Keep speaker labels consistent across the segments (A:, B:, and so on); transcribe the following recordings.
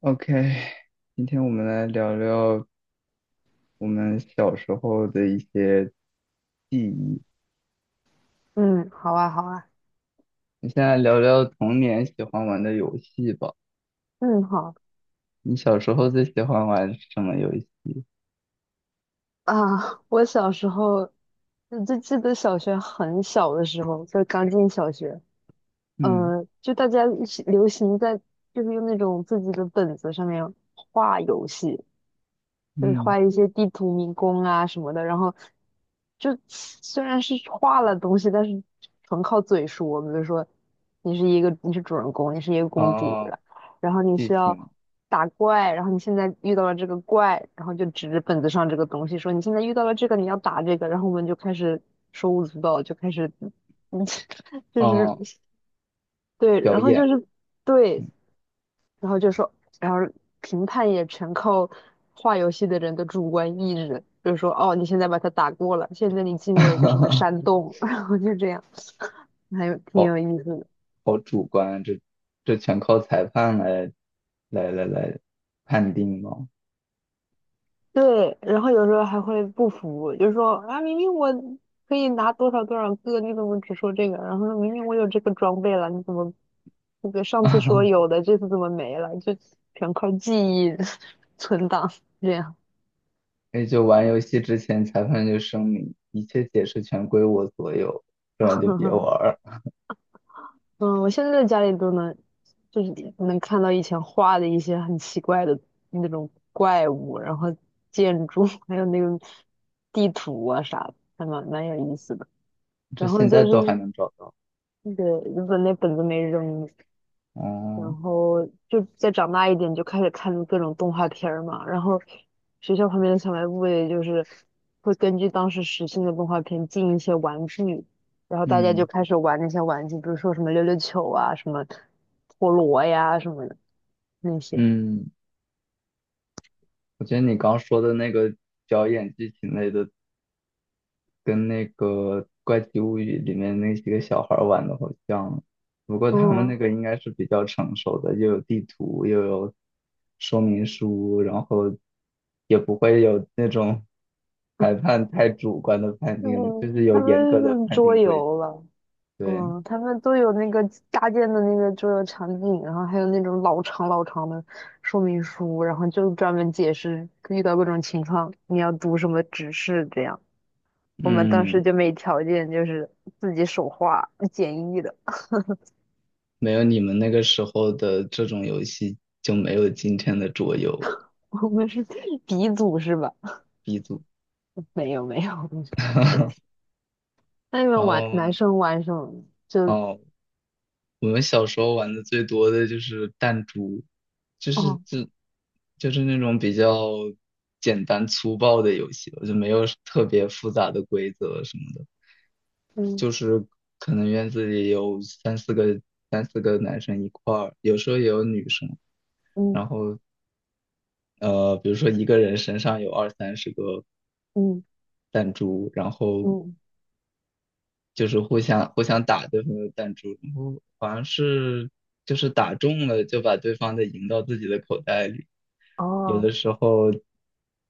A: OK，今天我们来聊聊我们小时候的一些记忆。
B: 嗯，好啊，好啊，
A: 你现在聊聊童年喜欢玩的游戏吧。
B: 嗯，好
A: 你小时候最喜欢玩什么游戏？
B: 啊。我小时候就记得小学很小的时候，就刚进小学，
A: 嗯
B: 就大家一起流行在就是用那种自己的本子上面画游戏，就是
A: 嗯，
B: 画一些地图迷宫啊什么的，然后就虽然是画了东西，但是纯靠嘴说。比如说，你是主人公，你是一个公主，
A: 哦，
B: 然后你
A: 剧
B: 是要
A: 情，
B: 打怪，然后你现在遇到了这个怪，然后就指着本子上这个东西说你现在遇到了这个，你要打这个，然后我们就开始手舞足蹈，就开始，嗯，就是
A: 哦，
B: 对，
A: 表
B: 然后就
A: 演，
B: 是对，然后就说，然后评判也全靠画游戏的人的主观意志，就是说，哦，你现在把它打过了，现在你进入了一个什么山 洞，然后就这样，还有挺
A: 好
B: 有意思的。
A: 好主观啊这全靠裁判来判定吗？
B: 对，然后有时候还会不服，就是说啊，明明我可以拿多少多少个，你怎么只说这个？然后说明明我有这个装备了，你怎么那个上次说 有的，这次怎么没了？就全靠记忆 存档这样。
A: 也就玩游戏之前，裁判就声明一切解释权归我所有，不然就别玩 儿。
B: 嗯，我现在在家里都能，就是能看到以前画的一些很奇怪的那种怪物，然后建筑，还有那个地图啊啥的，还蛮有意思的。
A: 这
B: 然后
A: 现在
B: 就
A: 都还
B: 是
A: 能找到。
B: 那个日本那本子没扔，然
A: 哦，
B: 后就再长大一点，就开始看各种动画片儿嘛。然后学校旁边的小卖部也就是会根据当时时兴的动画片进一些玩具，然后大家就
A: 嗯
B: 开始玩那些玩具，比如说什么溜溜球啊、什么陀螺呀什么的那些。
A: 嗯，我觉得你刚说的那个表演剧情类的，跟那个《怪奇物语》里面那几个小孩儿玩的好像，不过他们那
B: 嗯
A: 个应该是比较成熟的，又有地图，又有说明书，然后也不会有那种裁判太主观的判定的，就是
B: 嗯，
A: 有
B: 他
A: 严格
B: 们
A: 的
B: 是
A: 判
B: 桌
A: 定规则。
B: 游了，
A: 对，
B: 嗯，他们都有那个搭建的那个桌游场景，然后还有那种老长老长的说明书，然后就专门解释遇到各种情况你要读什么指示这样。我们当时
A: 嗯。
B: 就没条件，就是自己手画简易的。
A: 没有你们那个时候的这种游戏，就没有今天的桌游
B: 我们是鼻祖是吧？
A: B 组。
B: 没有没有，那你
A: 然
B: 们玩
A: 后
B: 男生玩什么？就
A: 哦，我们小时候玩的最多的就是弹珠，就是
B: 哦
A: 就就是那种比较简单粗暴的游戏吧，就没有特别复杂的规则什么的。
B: 嗯
A: 就是可能院子里有三四个男生一块儿，有时候也有女生。
B: 嗯
A: 然后比如说一个人身上有二三十个
B: 嗯
A: 弹珠，然后
B: 嗯
A: 就是互相打对方的弹珠，然后好像是就是打中了就把对方的赢到自己的口袋里，有
B: 哦。
A: 的时候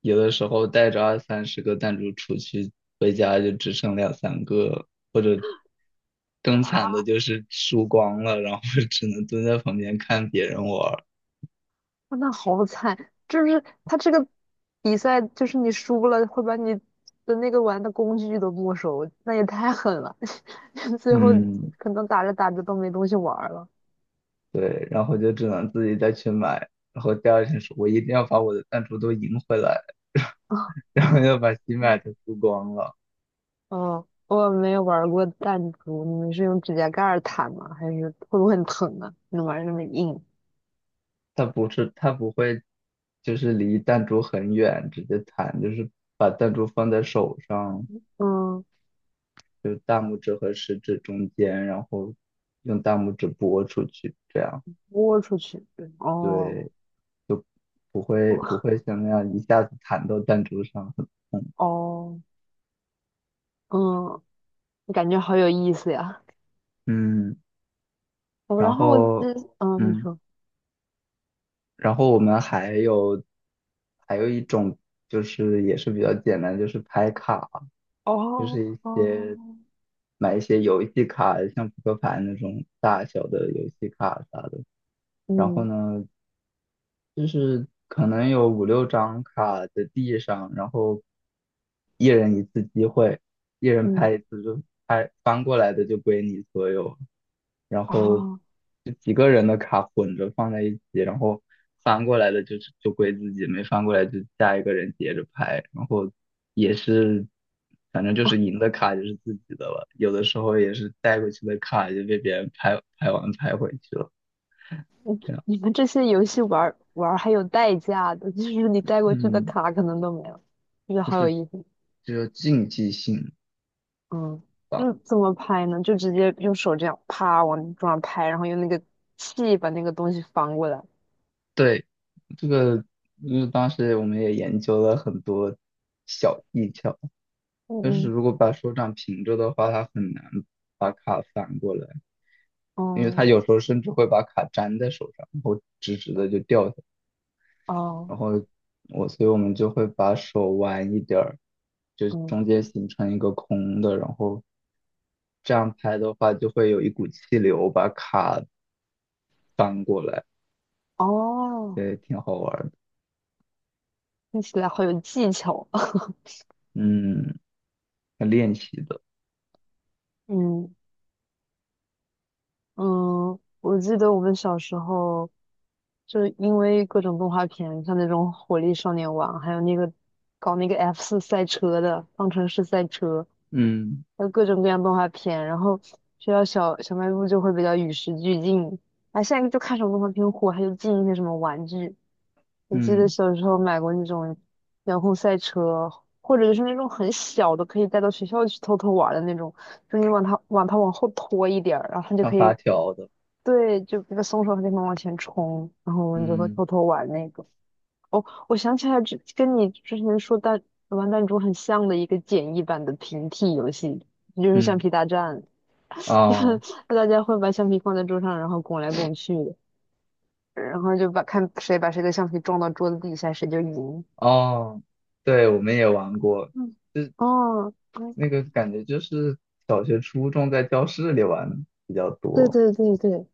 A: 有的时候带着二三十个弹珠出去，回家就只剩两三个了或者更惨的
B: 啊。
A: 就是输光了，然后 只能蹲在旁边看别人玩儿。
B: 哇那好惨，就是他这个比赛，就是你输了会把你的那个玩的工具都没收，那也太狠了。最后
A: 嗯，
B: 可能打着打着都没东西玩儿了。
A: 对，然后就只能自己再去买，然后第二天说我一定要把我的弹珠都赢回来，然后又把新买
B: 嗯，
A: 的输光了。
B: 哦，我没有玩儿过弹珠，你们是用指甲盖儿弹吗？还是会不会很疼啊？你玩儿那么硬？
A: 他不是他不会，就是离弹珠很远直接弹，就是把弹珠放在手上，
B: 嗯，
A: 就是大拇指和食指中间，然后用大拇指拨出去，这样
B: 豁出去。对。哦
A: 对，不会不会像那样一下子弹到弹珠上，很痛。
B: 哦，嗯，感觉好有意思呀。
A: 嗯，
B: 哦，
A: 然
B: 然后我记
A: 后
B: 嗯，你
A: 嗯。
B: 说，
A: 然后我们还有一种就是也是比较简单，就是拍卡，就
B: 哦
A: 是一些
B: 哦。
A: 买一些游戏卡，像扑克牌那种大小的游戏卡啥的。然后
B: 嗯
A: 呢，就是可能有五六张卡在地上，然后一人一次机会，一人
B: 嗯，
A: 拍一次就拍，翻过来的就归你所有，然后
B: 哦，
A: 就几个人的卡混着放在一起，然后翻过来的就归自己，没翻过来就下一个人接着拍，然后也是反正就是赢的卡就是自己的了，有的时候也是带过去的卡就被别人拍拍完拍回去了，这样，
B: 你们这些游戏玩儿还有代价的，就是你带过去的
A: 嗯。
B: 卡可能都没了，就是
A: 就
B: 好有
A: 是
B: 意思。
A: 只有竞技性
B: 嗯，
A: 吧。
B: 那怎么拍呢？就直接用手这样啪往桌上拍，然后用那个气把那个东西翻过来。
A: 对，这个因为当时我们也研究了很多小技巧，
B: 嗯
A: 但是
B: 嗯
A: 如果把手掌平着的话，它很难把卡翻过来，因为它
B: 哦
A: 有时候甚至会把卡粘在手上，然后直直的就掉下来。
B: 哦
A: 然后所以我们就会把手弯一点儿，就
B: 嗯
A: 中间形成一个空的，然后这样拍的话，就会有一股气流把卡翻过来，
B: 哦，
A: 对，挺好玩儿的。
B: 听起来好有技巧啊。
A: 嗯，练习的，
B: 嗯嗯，我记得我们小时候。就因为各种动画片，像那种《火力少年王》，还有那个搞那个 F4赛车的《方程式赛车》，
A: 嗯
B: 还有各种各样动画片，然后学校小卖部就会比较与时俱进。啊，现在就看什么动画片火，他就进一些什么玩具。我记得
A: 嗯，
B: 小时候买过那种遥控赛车，或者就是那种很小的，可以带到学校去偷偷玩儿的那种，就你往它往后拖一点儿然后它就
A: 上
B: 可
A: 发
B: 以
A: 条的，
B: 对，就那个松手和地方往前冲，然后我们就会
A: 嗯
B: 偷偷玩那个。哦，我想起来，这跟你之前说玩弹珠很像的一个简易版的平替游戏，就是橡
A: 嗯，
B: 皮大战，
A: 哦
B: 大家会把橡皮放在桌上，然后拱来拱去的然后就把看谁把谁的橡皮撞到桌子底下，谁就赢。
A: 哦，对，我们也玩过，
B: 嗯，
A: 就
B: 哦，嗯
A: 那个感觉就是小学、初中在教室里玩比较
B: 对
A: 多，
B: 对对对，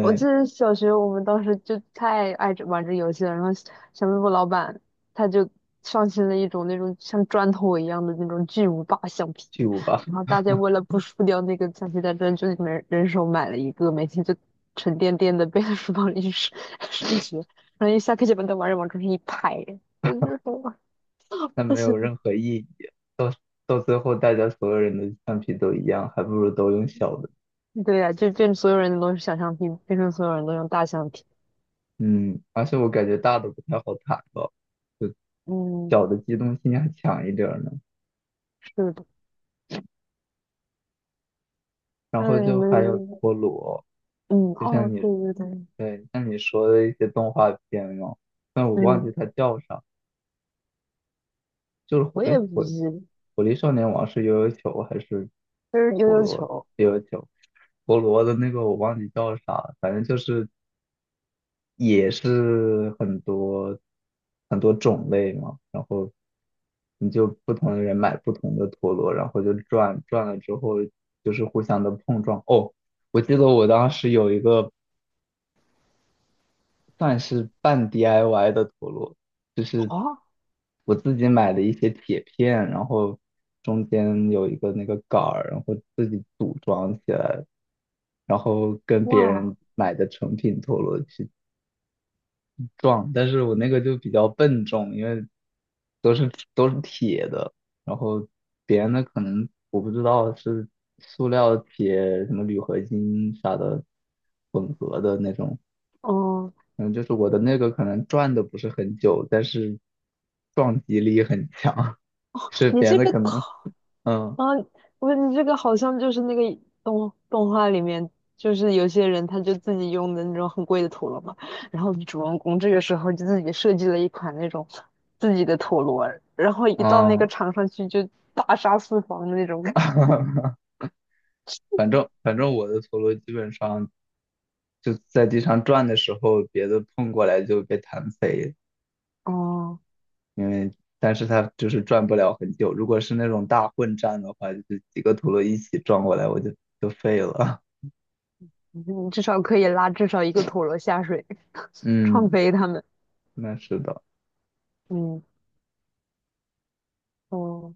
B: 我记得小学我们当时就太爱这玩这游戏了，然后小卖部老板他就上新了一种那种像砖头一样的那种巨无霸橡皮，
A: 巨无霸，
B: 然后大家为了不输掉那个橡皮擦砖，就人人手买了一个，每天就沉甸甸的背在书包里去上 上学，然后一下课就把那玩意往桌上一拍，我就说，
A: 但没有 任何意义，到到最后大家所有人的橡皮都一样，还不如都用小的，
B: 对呀、就变成所有人都是小橡皮，变成所有人都用大橡皮，
A: 嗯，而且我感觉大的不太好弹吧，就
B: 嗯，
A: 小的机动性还强一点儿呢。
B: 是的，
A: 然后
B: 嗯，你
A: 就还有
B: 们，
A: 陀螺，
B: 嗯，
A: 就像
B: 哦，
A: 你
B: 对对对。
A: 对像你说的一些动画片嘛，但我忘记
B: 嗯，
A: 它叫啥，就是火
B: 我也
A: 哎
B: 不
A: 火
B: 是，
A: 火力少年王是悠悠球还是
B: 就是悠
A: 陀
B: 悠
A: 螺
B: 球
A: 悠悠球？陀螺的那个我忘记叫啥了反正就是也是很多很多种类嘛，然后你就不同的人买不同的陀螺，然后就转转了之后就是互相的碰撞。哦，我记得我当时有一个算是半 DIY 的陀螺，就是
B: 啊，
A: 我自己买的一些铁片，然后中间有一个那个杆儿，然后自己组装起来，然后跟别
B: 哇，
A: 人买的成品陀螺去撞，但是我那个就比较笨重，因为都是铁的，然后别人的可能我不知道是塑料、铁、什么铝合金啥的混合的那种，
B: 嗯，
A: 嗯，就是我的那个可能转的不是很久，但是撞击力很强，是
B: 你
A: 别人
B: 这
A: 的
B: 个
A: 可能，
B: 好
A: 嗯
B: 啊，我你这个好像就是那个动动画里面，就是有些人他就自己用的那种很贵的陀螺嘛，然后主人公这个时候就自己设计了一款那种自己的陀螺，然后一到那个
A: 嗯，
B: 场上去就大杀四方的那种感觉。
A: 反正我的陀螺基本上就在地上转的时候，别的碰过来就被弹飞，
B: 哦，
A: 因为但是它就是转不了很久。如果是那种大混战的话，就是几个陀螺一起撞过来，我就废了。
B: 你至少可以拉至少一个陀螺下水，创
A: 嗯，
B: 飞他们。
A: 那是的。
B: 嗯，哦。